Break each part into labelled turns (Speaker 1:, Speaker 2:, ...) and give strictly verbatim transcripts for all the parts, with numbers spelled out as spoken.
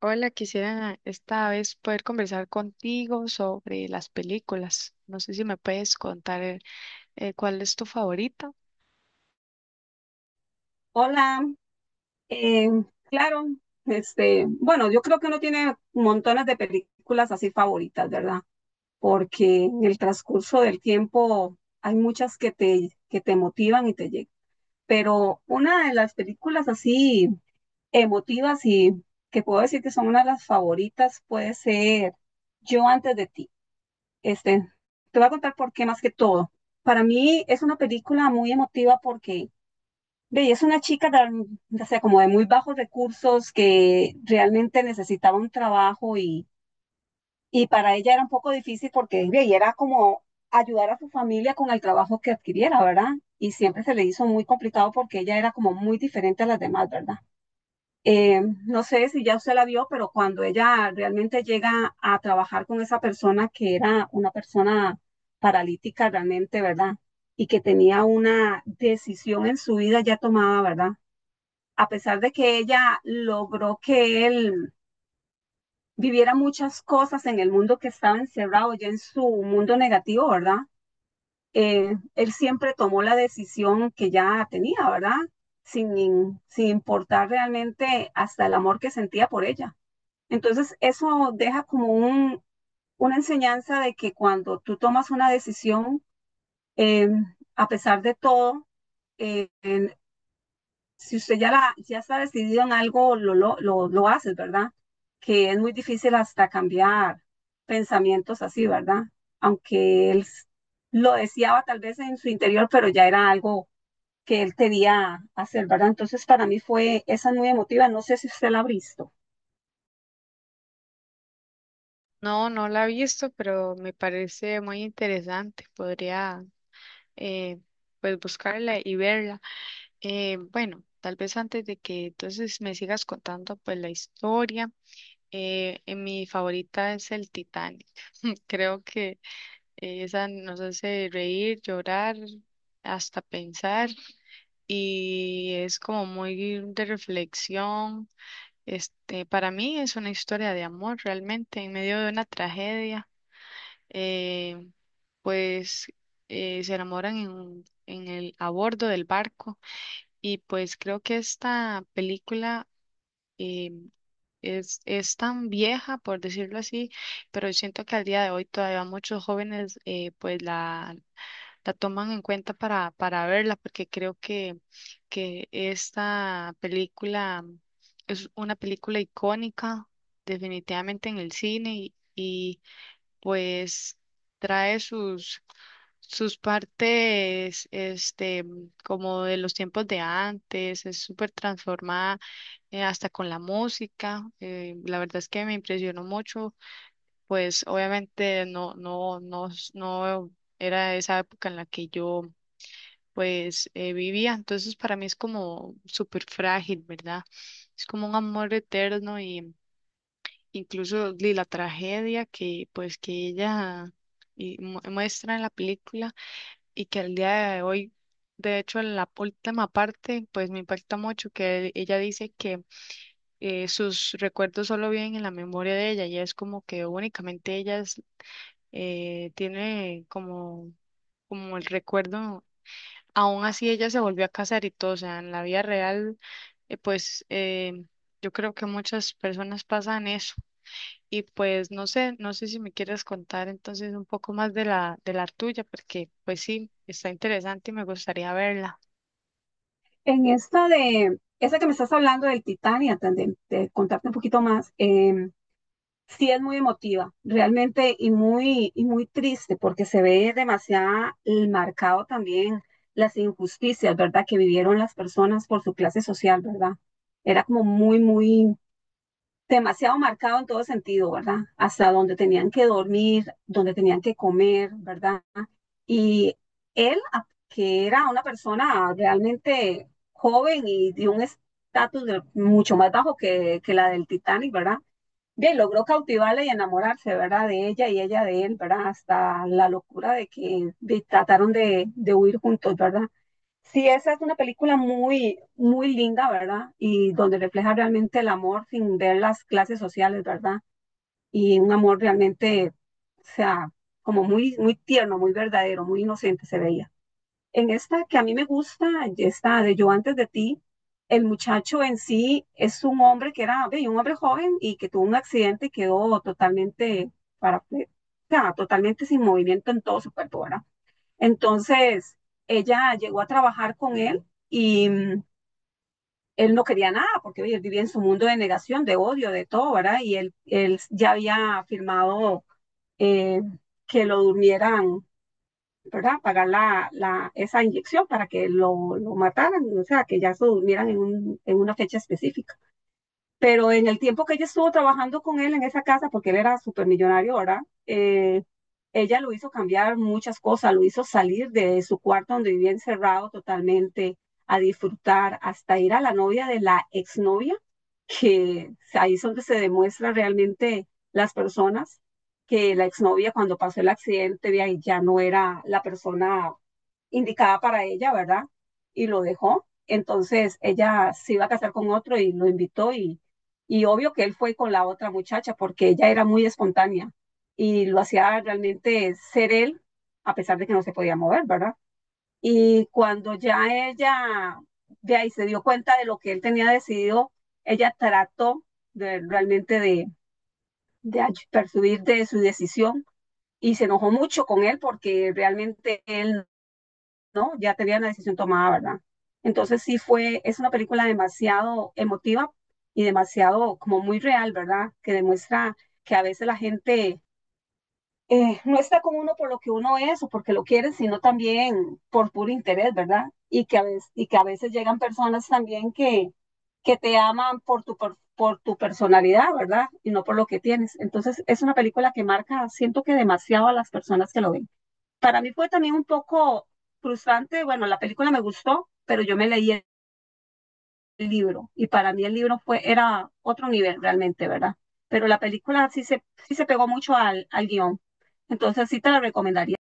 Speaker 1: Hola, quisiera esta vez poder conversar contigo sobre las películas. No sé si me puedes contar eh, eh, cuál es tu favorita.
Speaker 2: Hola, eh, claro, este, bueno, yo creo que uno tiene montones de películas así favoritas, ¿verdad? Porque en el transcurso del tiempo hay muchas que te, que te motivan y te llegan. Pero una de las películas así emotivas y que puedo decir que son una de las favoritas puede ser Yo antes de ti. Este, Te voy a contar por qué más que todo. Para mí es una película muy emotiva porque ve, y es una chica tan, o sea, como de muy bajos recursos que realmente necesitaba un trabajo y, y para ella era un poco difícil porque ve, y era como ayudar a su familia con el trabajo que adquiriera, ¿verdad? Y siempre se le hizo muy complicado porque ella era como muy diferente a las demás, ¿verdad? Eh, no sé si ya usted la vio, pero cuando ella realmente llega a trabajar con esa persona que era una persona paralítica realmente, ¿verdad? Y que tenía una decisión en su vida ya tomada, ¿verdad?, a pesar de que ella logró que él viviera muchas cosas en el mundo, que estaba encerrado ya en su mundo negativo, ¿verdad? Eh, él siempre tomó la decisión que ya tenía, ¿verdad? Sin, sin importar realmente hasta el amor que sentía por ella. Entonces, eso deja como un, una enseñanza de que cuando tú tomas una decisión, eh, a pesar de todo, eh, si usted ya, la, ya está decidido en algo, lo, lo, lo, lo haces, ¿verdad? Que es muy difícil hasta cambiar pensamientos así, ¿verdad? Aunque él s- lo deseaba tal vez en su interior, pero ya era algo que él quería hacer, ¿verdad? Entonces para mí fue esa muy emotiva, no sé si usted la ha visto.
Speaker 1: No, no la he visto, pero me parece muy interesante. Podría eh, pues buscarla y verla. Eh, bueno, tal vez antes de que entonces me sigas contando pues la historia, eh, eh, mi favorita es el Titanic. Creo que eh, esa nos hace reír, llorar, hasta pensar, y es como muy de reflexión. Este, para mí es una historia de amor realmente en medio de una tragedia. eh, pues eh, Se enamoran en, un- en el a bordo del barco, y pues creo que esta película eh, es, es tan vieja, por decirlo así, pero siento que al día de hoy todavía muchos jóvenes eh, pues la la toman en cuenta para, para verla, porque creo que, que esta película es una película icónica definitivamente en el cine, y, y, pues trae sus, sus partes este, como de los tiempos de antes, es súper transformada eh, hasta con la música. Eh, la verdad es que me impresionó mucho, pues obviamente no, no, no, no era esa época en la que yo pues eh, vivía. Entonces para mí es como súper frágil, ¿verdad? Es como un amor eterno, y incluso de la tragedia que pues que ella y mu- muestra en la película y que al día de hoy, de hecho en la última parte, pues me impacta mucho que ella dice que eh, sus recuerdos solo viven en la memoria de ella, y es como que únicamente ella es- eh, tiene como, como el recuerdo. Aún así ella se volvió a casar y todo, o sea, en la vida real, eh, pues eh, yo creo que muchas personas pasan eso. Y pues no sé, no sé si me quieres contar entonces un poco más de la, de la tuya, porque pues sí, está interesante y me gustaría verla.
Speaker 2: En esta de, esa que me estás hablando del Titanic, antes de, de contarte un poquito más, eh, sí es muy emotiva, realmente, y muy, y muy triste, porque se ve demasiado marcado también las injusticias, ¿verdad?, que vivieron las personas por su clase social, ¿verdad? Era como muy, muy, demasiado marcado en todo sentido, ¿verdad? Hasta donde tenían que dormir, donde tenían que comer, ¿verdad? Y él, a- que era una persona realmente joven y de un estatus de- mucho más bajo que, que la del Titanic, ¿verdad?, bien, logró cautivarla y enamorarse, ¿verdad? De ella y ella de él, ¿verdad? Hasta la locura de que de- trataron de, de huir juntos, ¿verdad? Sí, esa es una película muy, muy linda, ¿verdad? Y donde refleja realmente el amor sin ver las clases sociales, ¿verdad? Y un amor realmente, o sea, como muy, muy tierno, muy verdadero, muy inocente se veía. En esta que a mí me gusta, está de Yo antes de ti, el muchacho en sí es un hombre que era ve, un hombre joven y que tuvo un accidente y quedó totalmente para, o sea, totalmente sin movimiento en todo su cuerpo, ¿verdad? Entonces, ella llegó a trabajar con él y mm, él no quería nada porque ve, él vivía en su mundo de negación, de odio, de todo, ¿verdad? Y él, él ya había firmado eh, que lo durmieran, ¿verdad? Pagar la, la, esa inyección para que lo, lo mataran, o sea, que ya se durmieran en, un, en una fecha específica. Pero en el tiempo que ella estuvo trabajando con él en esa casa, porque él era súper millonario, ¿verdad? Eh, Ella lo hizo cambiar muchas cosas, lo hizo salir de su cuarto donde vivía encerrado totalmente, a disfrutar, hasta ir a la novia de la exnovia, que ahí es donde se demuestra realmente las personas, que la exnovia cuando pasó el accidente, vea, y ya no era la persona indicada para ella, ¿verdad? Y lo dejó. Entonces ella se iba a casar con otro y lo invitó y, y obvio que él fue con la otra muchacha porque ella era muy espontánea y lo hacía realmente ser él a pesar de que no se podía mover, ¿verdad? Y cuando ya ella de ahí se dio cuenta de lo que él tenía decidido, ella trató de, realmente de, de persuadir de su decisión y se enojó mucho con él porque realmente él, ¿no? Ya tenían la decisión tomada, ¿verdad? Entonces sí fue, es una película demasiado emotiva y demasiado como muy real, ¿verdad? Que demuestra que a veces la gente eh, no está con uno por lo que uno es o porque lo quiere, sino también por puro interés, ¿verdad? Y que a veces, y que a veces llegan personas también que, que te aman por tu, por, por tu personalidad, ¿verdad? Y no por lo que tienes. Entonces es una película que marca, siento que demasiado a las personas que lo ven, para mí fue también un poco frustrante, bueno, la película me gustó, pero yo me leí el libro y para mí el libro fue, era otro nivel realmente, ¿verdad? Pero la película sí se, sí se pegó mucho al, al guión, entonces sí te la recomendaría.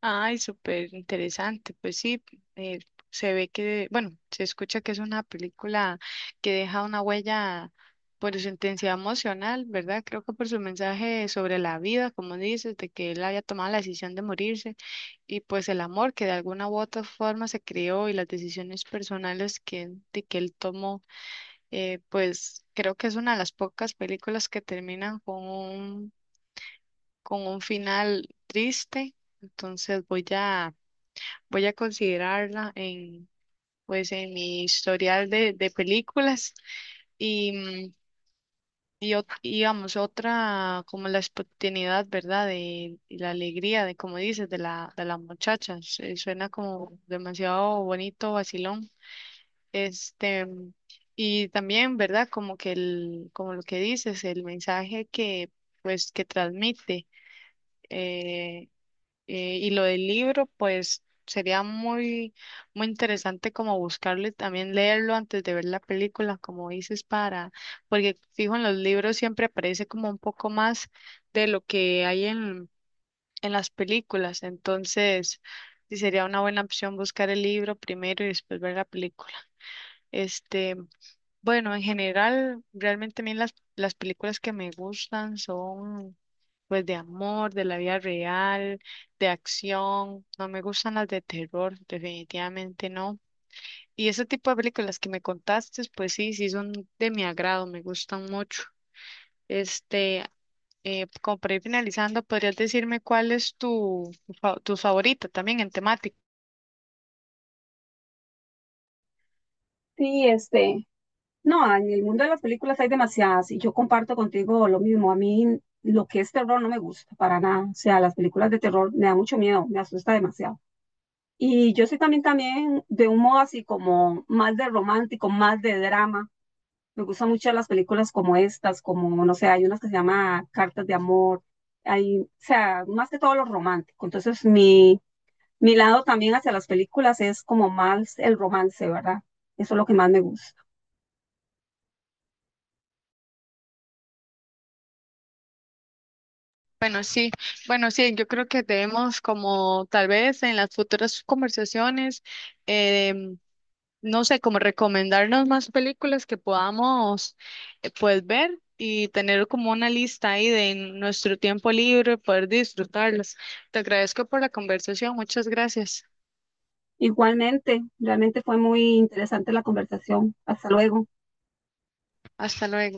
Speaker 1: Ay, súper interesante. Pues sí, eh, se ve que, bueno, se escucha que es una película que deja una huella por su intensidad emocional, ¿verdad? Creo que por su mensaje sobre la vida, como dices, de que él había tomado la decisión de morirse, y pues el amor que de alguna u otra forma se creó y las decisiones personales que, de que él tomó, eh, pues creo que es una de las pocas películas que terminan con un, con un final triste. Entonces voy a voy a considerarla en, pues, en mi historial de, de películas, y, mm, y, ot- y, digamos, otra como la espontaneidad, ¿verdad? De, y la alegría, de como dices, de la, de la muchacha. Se- Suena como demasiado bonito, vacilón. Este, mm, y también, ¿verdad? Como que el, como lo que dices, el mensaje que, pues, que transmite. eh, Eh, y lo del libro, pues sería muy, muy interesante como buscarle, también leerlo antes de ver la película, como dices, para, porque fijo en los libros siempre aparece como un poco más de lo que hay en, en las películas. Entonces, sí sería una buena opción buscar el libro primero y después ver la película. Este, bueno, en general, realmente a mí las, las películas que me gustan son pues de amor, de la vida real, de acción. No me gustan las de terror, definitivamente no. Y ese tipo de películas que me contaste, pues sí, sí son de mi agrado, me gustan mucho. Este, eh, como para ir finalizando, ¿podrías decirme cuál es tu, fa- tu favorita también en temática?
Speaker 2: Sí, este, no, en el mundo de las películas hay demasiadas y yo comparto contigo lo mismo, a mí lo que es terror no me gusta para nada, o sea, las películas de terror me da mucho miedo, me asusta demasiado. Y yo soy también, también de un modo así como más de romántico, más de drama. Me gustan mucho las películas como estas, como, no sé, hay unas que se llama Cartas de Amor, hay, o sea, más que todo lo romántico. Entonces, mi, mi lado también hacia las películas es como más el romance, ¿verdad? Eso es lo que más me gusta.
Speaker 1: Bueno, sí, bueno, sí, yo creo que debemos como tal vez en las futuras conversaciones em, no sé, como recomendarnos más películas que podamos eh, pues ver y tener como una lista ahí de nuestro tiempo libre, poder disfrutarlas. Te agradezco por la conversación, muchas gracias.
Speaker 2: Igualmente, realmente fue muy interesante la conversación. Hasta luego.
Speaker 1: Hasta luego.